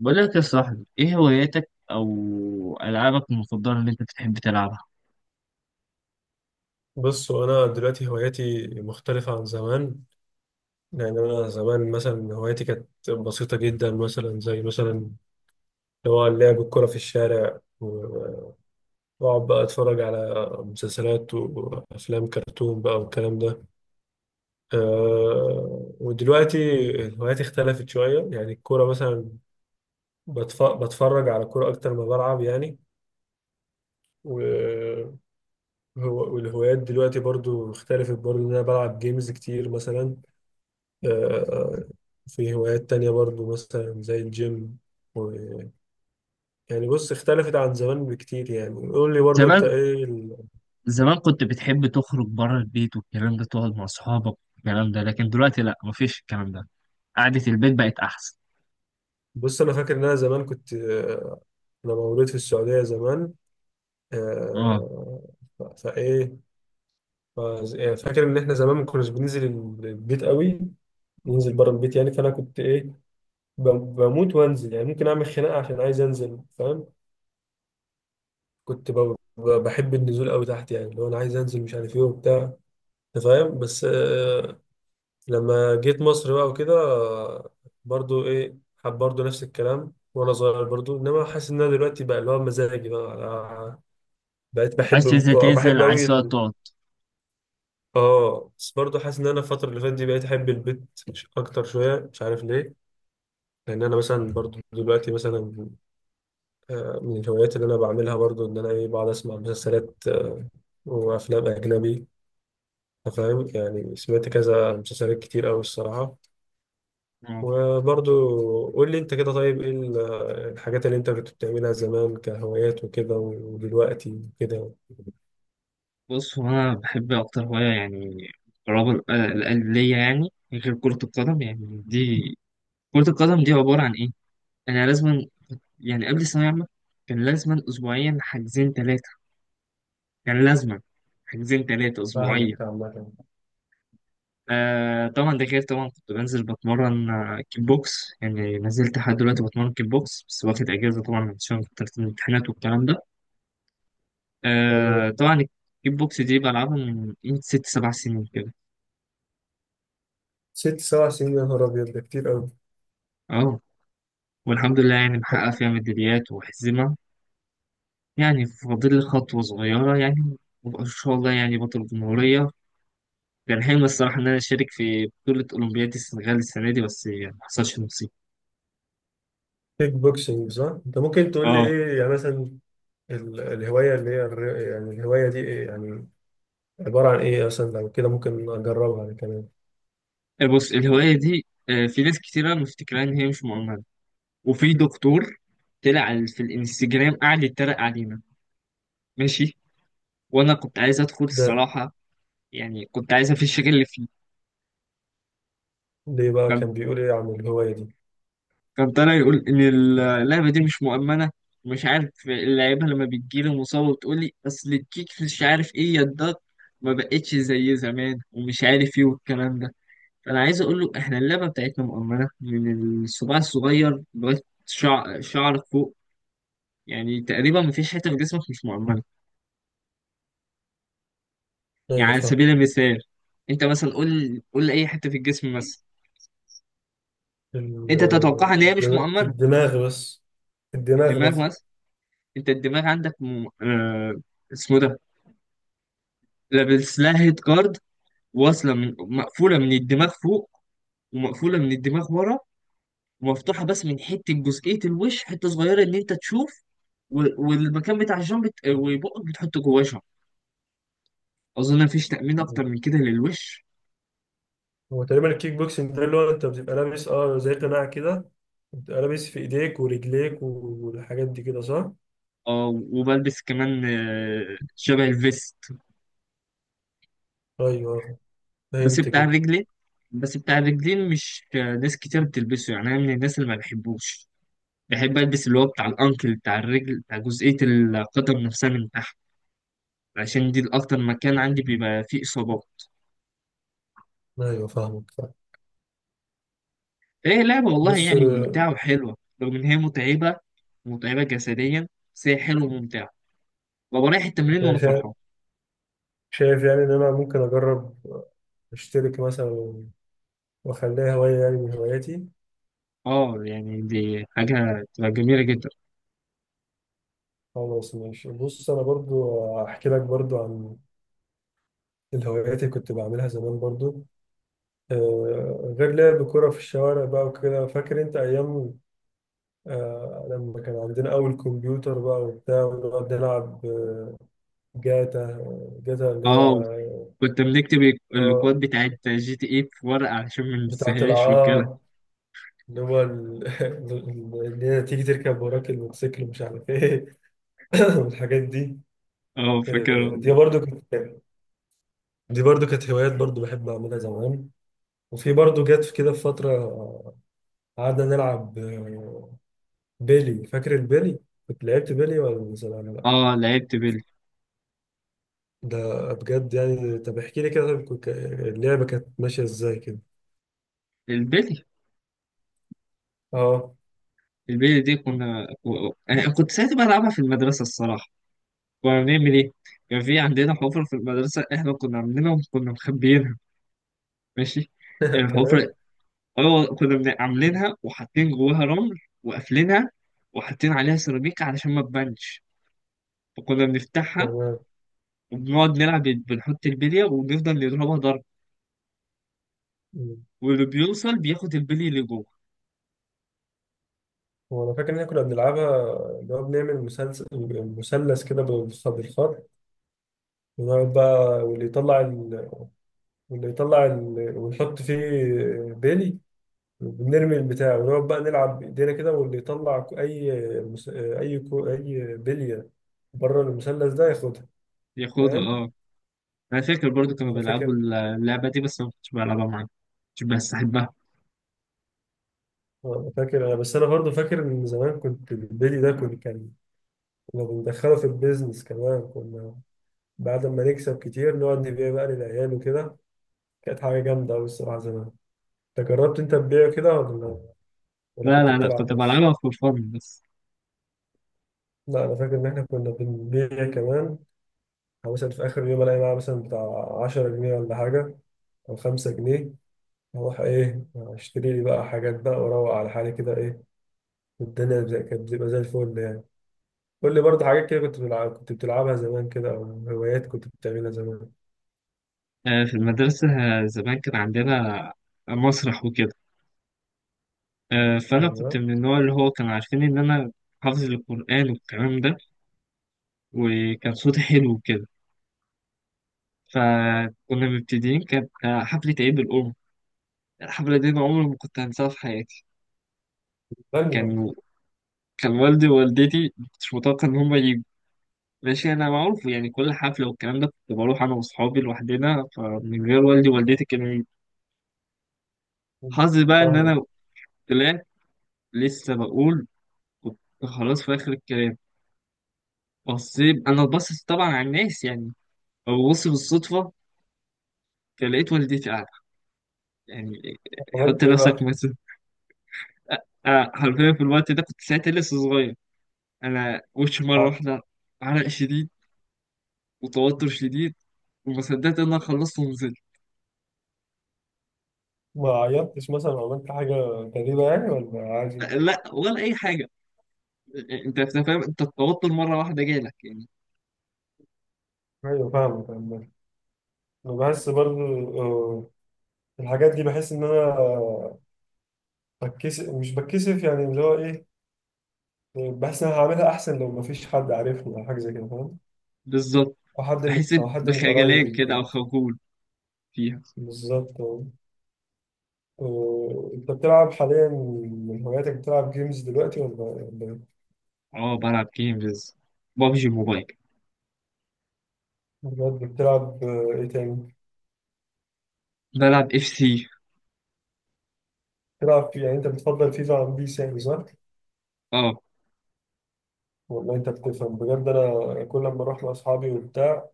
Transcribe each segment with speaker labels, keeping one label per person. Speaker 1: بقول لك يا صاحبي، ايه هواياتك او العابك المفضله اللي انت بتحب تلعبها؟
Speaker 2: بصوا أنا دلوقتي هواياتي مختلفة عن زمان. لأن أنا زمان مثلا هواياتي كانت بسيطة جدا، مثلا زي مثلا اللي هو لعب الكرة في الشارع و- وأقعد بقى أتفرج على مسلسلات وأفلام كرتون بقى والكلام ده. ودلوقتي هواياتي اختلفت شوية، يعني الكورة مثلا بتفرج على كورة أكتر ما بلعب يعني. و- والهوايات دلوقتي برضو اختلفت برضو، إن أنا بلعب جيمز كتير مثلا. آه، في هوايات تانية برضو مثلا زي الجيم و... يعني بص، اختلفت عن زمان بكتير. يعني قول لي برضو انت
Speaker 1: زمان
Speaker 2: ايه
Speaker 1: زمان كنت بتحب تخرج بره البيت والكلام ده، تقعد مع اصحابك والكلام ده، لكن دلوقتي لا، مفيش الكلام ده. قعده البيت بقت احسن.
Speaker 2: بص، انا فاكر ان انا زمان كنت، انا مولود في السعودية زمان.
Speaker 1: اه،
Speaker 2: آه، ف- فايه يعني فاكر ان احنا زمان ما كناش بننزل البيت قوي، ننزل بره البيت يعني. فانا كنت ايه، بموت وانزل يعني، ممكن اعمل خناقة عشان عايز انزل، فاهم؟ كنت بحب النزول قوي تحت يعني، لو انا عايز انزل مش عارف ايه وبتاع، أنت فاهم. بس لما جيت مصر بقى وكده، برضو ايه، حب برضو نفس الكلام وانا صغير برضو. انما حاسس ان انا دلوقتي بقى اللي هو مزاجي بقى أنا بقيت
Speaker 1: عايز تنزل تنزل،
Speaker 2: بحب
Speaker 1: عايز
Speaker 2: قوي
Speaker 1: تقعد تقعد.
Speaker 2: اه بس برضو حاسس ان انا الفتره اللي فاتت دي بقيت احب البيت اكتر شويه، مش عارف ليه. لان انا مثلا برضو دلوقتي مثلا، من الهوايات اللي انا بعملها برضو ان انا ايه، بقعد اسمع مسلسلات، وافلام اجنبي. أنت فاهم، يعني سمعت كذا مسلسلات كتير قوي الصراحه.
Speaker 1: اه،
Speaker 2: وبرضو قول لي انت كده، طيب ايه الحاجات اللي انت كنت بتعملها زمان كهوايات وكده ودلوقتي كده؟
Speaker 1: بص، هو انا بحب اكتر هوايه يعني قرابة القلب ليا يعني، غير كرة القدم. يعني دي كرة القدم دي عبارة عن ايه؟ انا لازم يعني قبل الثانوية عامة كان لازم اسبوعيا حجزين ثلاثة كان لازمة حاجزين تلاتة أسبوعية.
Speaker 2: فاهمك عامة.
Speaker 1: آه طبعا، ده غير طبعا كنت بنزل بتمرن كيك بوكس. يعني نزلت لحد دلوقتي بتمرن كيك بوكس، بس واخد أجازة طبعا عشان فترة الامتحانات والكلام ده.
Speaker 2: يعني
Speaker 1: آه طبعا الكيك بوكس دي بلعبها من 6 7 سنين كده.
Speaker 2: ست سبع سنين، يا نهار ابيض، ده كتير قوي.
Speaker 1: اه، والحمد لله يعني محقق فيها ميداليات وحزمة. يعني فاضل لي خطوة صغيرة يعني، وأبقى إن شاء الله يعني بطل جمهورية. كان حلم الصراحة إن أنا أشارك في بطولة أولمبياد السنغال السنة دي، بس يعني محصلش نصيب.
Speaker 2: كيك بوكسنج صح؟ انت ممكن تقول لي
Speaker 1: اه.
Speaker 2: ايه يعني مثلا الهواية اللي هي يعني الهواية دي ايه يعني، عبارة عن ايه مثلا؟ لو كده ممكن اجربها انا كمان.
Speaker 1: بص الهواية دي، في ناس كتيرة مفتكرة إن هي مش مؤمنة. وفي دكتور طلع في الانستجرام قعد يتريق علينا، ماشي. وأنا كنت عايز أدخل
Speaker 2: ده
Speaker 1: الصراحة، يعني كنت عايز أفش اللي فيه.
Speaker 2: ليه بقى،
Speaker 1: كان
Speaker 2: كان بيقول ايه عن الهواية دي؟
Speaker 1: كان طالع يقول إن اللعبة دي مش مؤمنة. مش عارف اللعيبة لما بتجيلي مصابة بتقولي أصل الكيك مش عارف إيه، يا الضغط ما بقتش زي زمان، ومش عارف إيه والكلام ده. فأنا عايز أقول له، إحنا اللعبة بتاعتنا مؤمنة من الصباع الصغير لغاية شعر شعرك فوق. يعني تقريبا مفيش حته في جسمك مش مؤمنه. يعني
Speaker 2: ايوه
Speaker 1: على
Speaker 2: فاهم.
Speaker 1: سبيل المثال، انت مثلا قول قول اي حته في الجسم مثلا
Speaker 2: ال-
Speaker 1: انت تتوقعها ان هي مش
Speaker 2: الدماغ،
Speaker 1: مؤمنه.
Speaker 2: الدماغ بس. الدماغ
Speaker 1: الدماغ
Speaker 2: بس.
Speaker 1: مثلا، انت الدماغ عندك اسمه ده، لابس لها هيد جارد. مقفوله من الدماغ فوق، ومقفوله من الدماغ ورا، ومفتوحه بس من حته جزئيه الوش، حته صغيره ان انت تشوف. والمكان بتاع الجنب وبقك بتحطه جواه شنطه. اظن مفيش تامين اكتر من كده للوش.
Speaker 2: هو تقريبا الكيك بوكسنج ده اللي هو انت بتبقى لابس اه زي قناع كده، بتبقى لابس في ايديك ورجليك والحاجات دي كده صح؟
Speaker 1: اه، وبلبس كمان، شبه الفيست.
Speaker 2: ايوه.
Speaker 1: بس
Speaker 2: فهمت
Speaker 1: بتاع
Speaker 2: كده.
Speaker 1: الرجلين، بس بتاع الرجلين مش، ناس كتير بتلبسه يعني، انا من الناس اللي ما بحبوش. بحب البس اللي هو بتاع الانكل بتاع الرجل بتاع جزئية القدم نفسها من تحت، عشان دي الاكتر مكان عندي بيبقى فيه اصابات.
Speaker 2: ايوه فاهمك، فاهم.
Speaker 1: هي لعبة والله
Speaker 2: بص،
Speaker 1: يعني ممتعة وحلوة، رغم ان هي متعبة، متعبة جسديا، بس هي حلوة وممتعة. ببقى رايح التمرين
Speaker 2: أنا
Speaker 1: وانا
Speaker 2: شايف،
Speaker 1: فرحان.
Speaker 2: شايف يعني ان انا ممكن اجرب، اشترك مثلا، واخليها هواية يعني من هواياتي.
Speaker 1: اه يعني دي حاجة تبقى جميلة جدا.
Speaker 2: خلاص ماشي. بص، انا برضو احكي لك برضو عن الهوايات اللي كنت بعملها زمان برضو. غير لعب كرة في الشوارع بقى وكده، فاكر انت ايام، لما كان عندنا أول كمبيوتر بقى وبتاع ونقعد نلعب، جاتا، جاتا اللي هي
Speaker 1: اه، كنت بنكتب
Speaker 2: اه
Speaker 1: الكود بتاعت جي تي اي في ورقة علشان ما
Speaker 2: بتاعة
Speaker 1: ننساهاش وكده.
Speaker 2: العقار، اللي هو اللي هي تيجي تركب وراك الموتوسيكل مش عارف ايه والحاجات دي.
Speaker 1: اه فاكر
Speaker 2: دي
Speaker 1: والله.
Speaker 2: برضو كانت، هوايات برضو بحب أعملها زمان. وفي برضو جت في كده في فترة، قعدنا نلعب، بيلي. فاكر البيلي؟ كنت لعبت بيلي ولا لأ؟
Speaker 1: اه، لعبت بيلي.
Speaker 2: ده بجد؟ يعني طب احكي لي كده. طب اللعبة كانت ماشية ازاي كده؟
Speaker 1: البيلي،
Speaker 2: اه
Speaker 1: البيلي دي كنا انا كنت ساعتها بلعبها في المدرسة الصراحة. كنا بنعمل ايه؟ كان في عندنا حفرة في المدرسة، احنا كنا عاملينها وكنا مخبيينها، ماشي.
Speaker 2: كمان.
Speaker 1: الحفرة، اه كنا عاملينها وحاطين جواها رمل، وقافلينها، وحاطين عليها سيراميك علشان ما تبانش. فكنا بنفتحها
Speaker 2: تمام.
Speaker 1: وبنقعد نلعب، بنحط البلية ونفضل نضربها ضرب.
Speaker 2: مم.
Speaker 1: واللي بيوصل بياخد البلي اللي جوه
Speaker 2: هو انا فاكر ان احنا كنا بنلعبها، اللي هو بنعمل مسلسل مثلث كده بالخط، ونقعد بقى واللي يطلع ونحط فيه بيلي، وبنرمي البتاع ونقعد بقى نلعب بايدينا كده، واللي يطلع ك- اي مس... اي كو... اي بليه بره المثلث ده ياخدها،
Speaker 1: ياخدها.
Speaker 2: فاهم؟
Speaker 1: اه انا فاكر برضو كانوا
Speaker 2: انا
Speaker 1: بيلعبوا
Speaker 2: فاكر،
Speaker 1: اللعبه دي، بس أنا ما كنتش بلعبها معاهم، مش بستحبها.
Speaker 2: فاكر انا. بس انا برضه فاكر ان زمان كنت البيلي ده كنت كان كنا بندخله في البيزنس كمان، كنا بعد ما نكسب كتير نقعد نبيع بقى للعيال وكده. كانت حاجه جامده قوي الصراحه زمان. انت جربت انت تبيع كده، ولا
Speaker 1: لا
Speaker 2: كنت
Speaker 1: لا لا، كنت
Speaker 2: بتلعب بس؟
Speaker 1: بلعبها فور فن بس.
Speaker 2: لا، انا فاكر ان احنا كنا بنبيع كمان، او مثلا في اخر يوم الاقي معايا مثلا بتاع 10 جنيه ولا حاجه او 5 جنيه، اروح ايه، اشتري لي بقى حاجات بقى واروق على حالي كده ايه، والدنيا كانت بتبقى زي الفل يعني. قول لي برضه حاجات كده كنت بتلعبها زمان كده، او هوايات كنت بتعملها زمان.
Speaker 1: آه في المدرسه، زمان كان عندنا مسرح وكده. آه فانا كنت
Speaker 2: ايوه.
Speaker 1: من النوع اللي هو كانوا عارفين ان انا حافظ القران والكلام ده، وكان صوتي حلو وكده. فكنا مبتدئين، كانت حفله عيد الام. الحفله دي انا عمري ما كنت هنساها في حياتي.
Speaker 2: استنى بقى.
Speaker 1: كان كان والدي ووالدتي مش متوقع ان هم يجوا، ماشي. انا معروف يعني كل حفله والكلام ده كنت بروح انا واصحابي لوحدنا، فمن غير والدي ووالدتي كمان. حظي بقى ان
Speaker 2: فاهمك.
Speaker 1: انا طلعت، لسه بقول، كنت، خلاص في اخر الكلام بصيت انا ببصص طبعا على الناس يعني، ببص بالصدفه فلقيت والدتي قاعده. يعني حط
Speaker 2: عملت ايه
Speaker 1: نفسك
Speaker 2: بقى؟
Speaker 1: مثلا، أ- حرفيا في الوقت ده كنت ساعتها لسه صغير، انا وشي مره
Speaker 2: ع-
Speaker 1: واحده عرق شديد وتوتر شديد، وما صدقت ان انا خلصت ونزلت.
Speaker 2: ما عيطتش مثلا أو عملت حاجة غريبة يعني، ولا عادي؟
Speaker 1: لا، ولا اي حاجه. انت فاهم، انت التوتر مره واحده جالك يعني.
Speaker 2: ايوه فاهمك عامة. انا بحس برضو، آه، الحاجات دي بحس ان انا بتكسف، مش بتكسف يعني، اللي هو ايه، بحس ان انا هعملها احسن لو مفيش حد عارفني او حاجة زي كده، فاهم؟
Speaker 1: بالظبط.
Speaker 2: او حد من،
Speaker 1: بحس بخجلان
Speaker 2: قرايبي
Speaker 1: كده
Speaker 2: وكده.
Speaker 1: او خجول فيها.
Speaker 2: بالظبط. انت بتلعب حاليا من هواياتك، بتلعب جيمز دلوقتي ولا؟
Speaker 1: اه بلعب جيمز، بابجي موبايل.
Speaker 2: بجد؟ بتلعب، ايه تاني؟
Speaker 1: بلعب اف سي.
Speaker 2: بتلعب في، يعني انت بتفضل فيفا عن بيس يعني صح؟
Speaker 1: اه
Speaker 2: والله انت بتفهم بجد. انا كل ما اروح مع اصحابي وبتاع،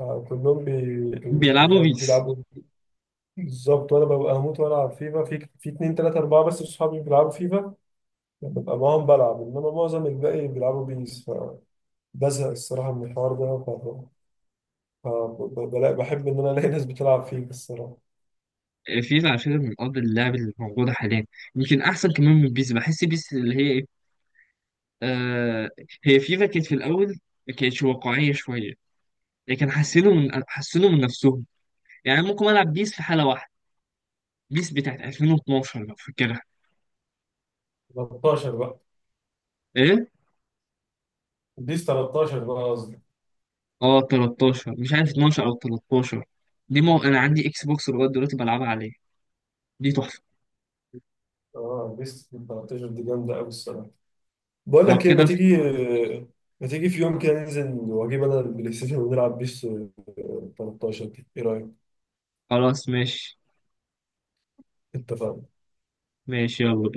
Speaker 2: كلهم
Speaker 1: بيلعبوا
Speaker 2: بيحبوا
Speaker 1: بيس.
Speaker 2: بيلعبوا. بالظبط. وانا ببقى هموت والعب فيفا، في اتنين تلاتة اربعة بس اصحابي بيلعبوا فيفا ببقى معاهم بلعب، انما معظم الباقي بيلعبوا بيس، فبزهق الصراحة من الحوار ده. ف... ف... ب- ب- بلاقي- بحب ان انا الاقي ناس بتلعب فيفا الصراحة.
Speaker 1: فيفا على فكره من افضل اللعب اللي موجوده حاليا. يمكن احسن كمان من بيس. بحس بيس اللي هي ايه، آه هي فيفا كانت في الاول ما كانتش واقعيه شويه، لكن حسنوا من نفسهم. يعني ممكن العب بيس في حاله واحده، بيس بتاعت 2012 لو فاكرها.
Speaker 2: 13 بقى.
Speaker 1: إيه؟
Speaker 2: بيس 13 بقى قصدي.
Speaker 1: اه 13، مش عارف 12 او 13. دي انا عندي اكس بوكس لغايه دلوقتي بلعبها عليه. دي تحفه.
Speaker 2: اه بيس 13 دي جامدة أوي الصراحة. بقول
Speaker 1: لو
Speaker 2: لك إيه،
Speaker 1: كده،
Speaker 2: ما تيجي في يوم كده، ننزل وأجيب أنا البلاي ستيشن ونلعب بيس 13 دي، إيه رأيك؟
Speaker 1: خلاص ماشي.
Speaker 2: اتفقنا.
Speaker 1: ماشي يلا بينا.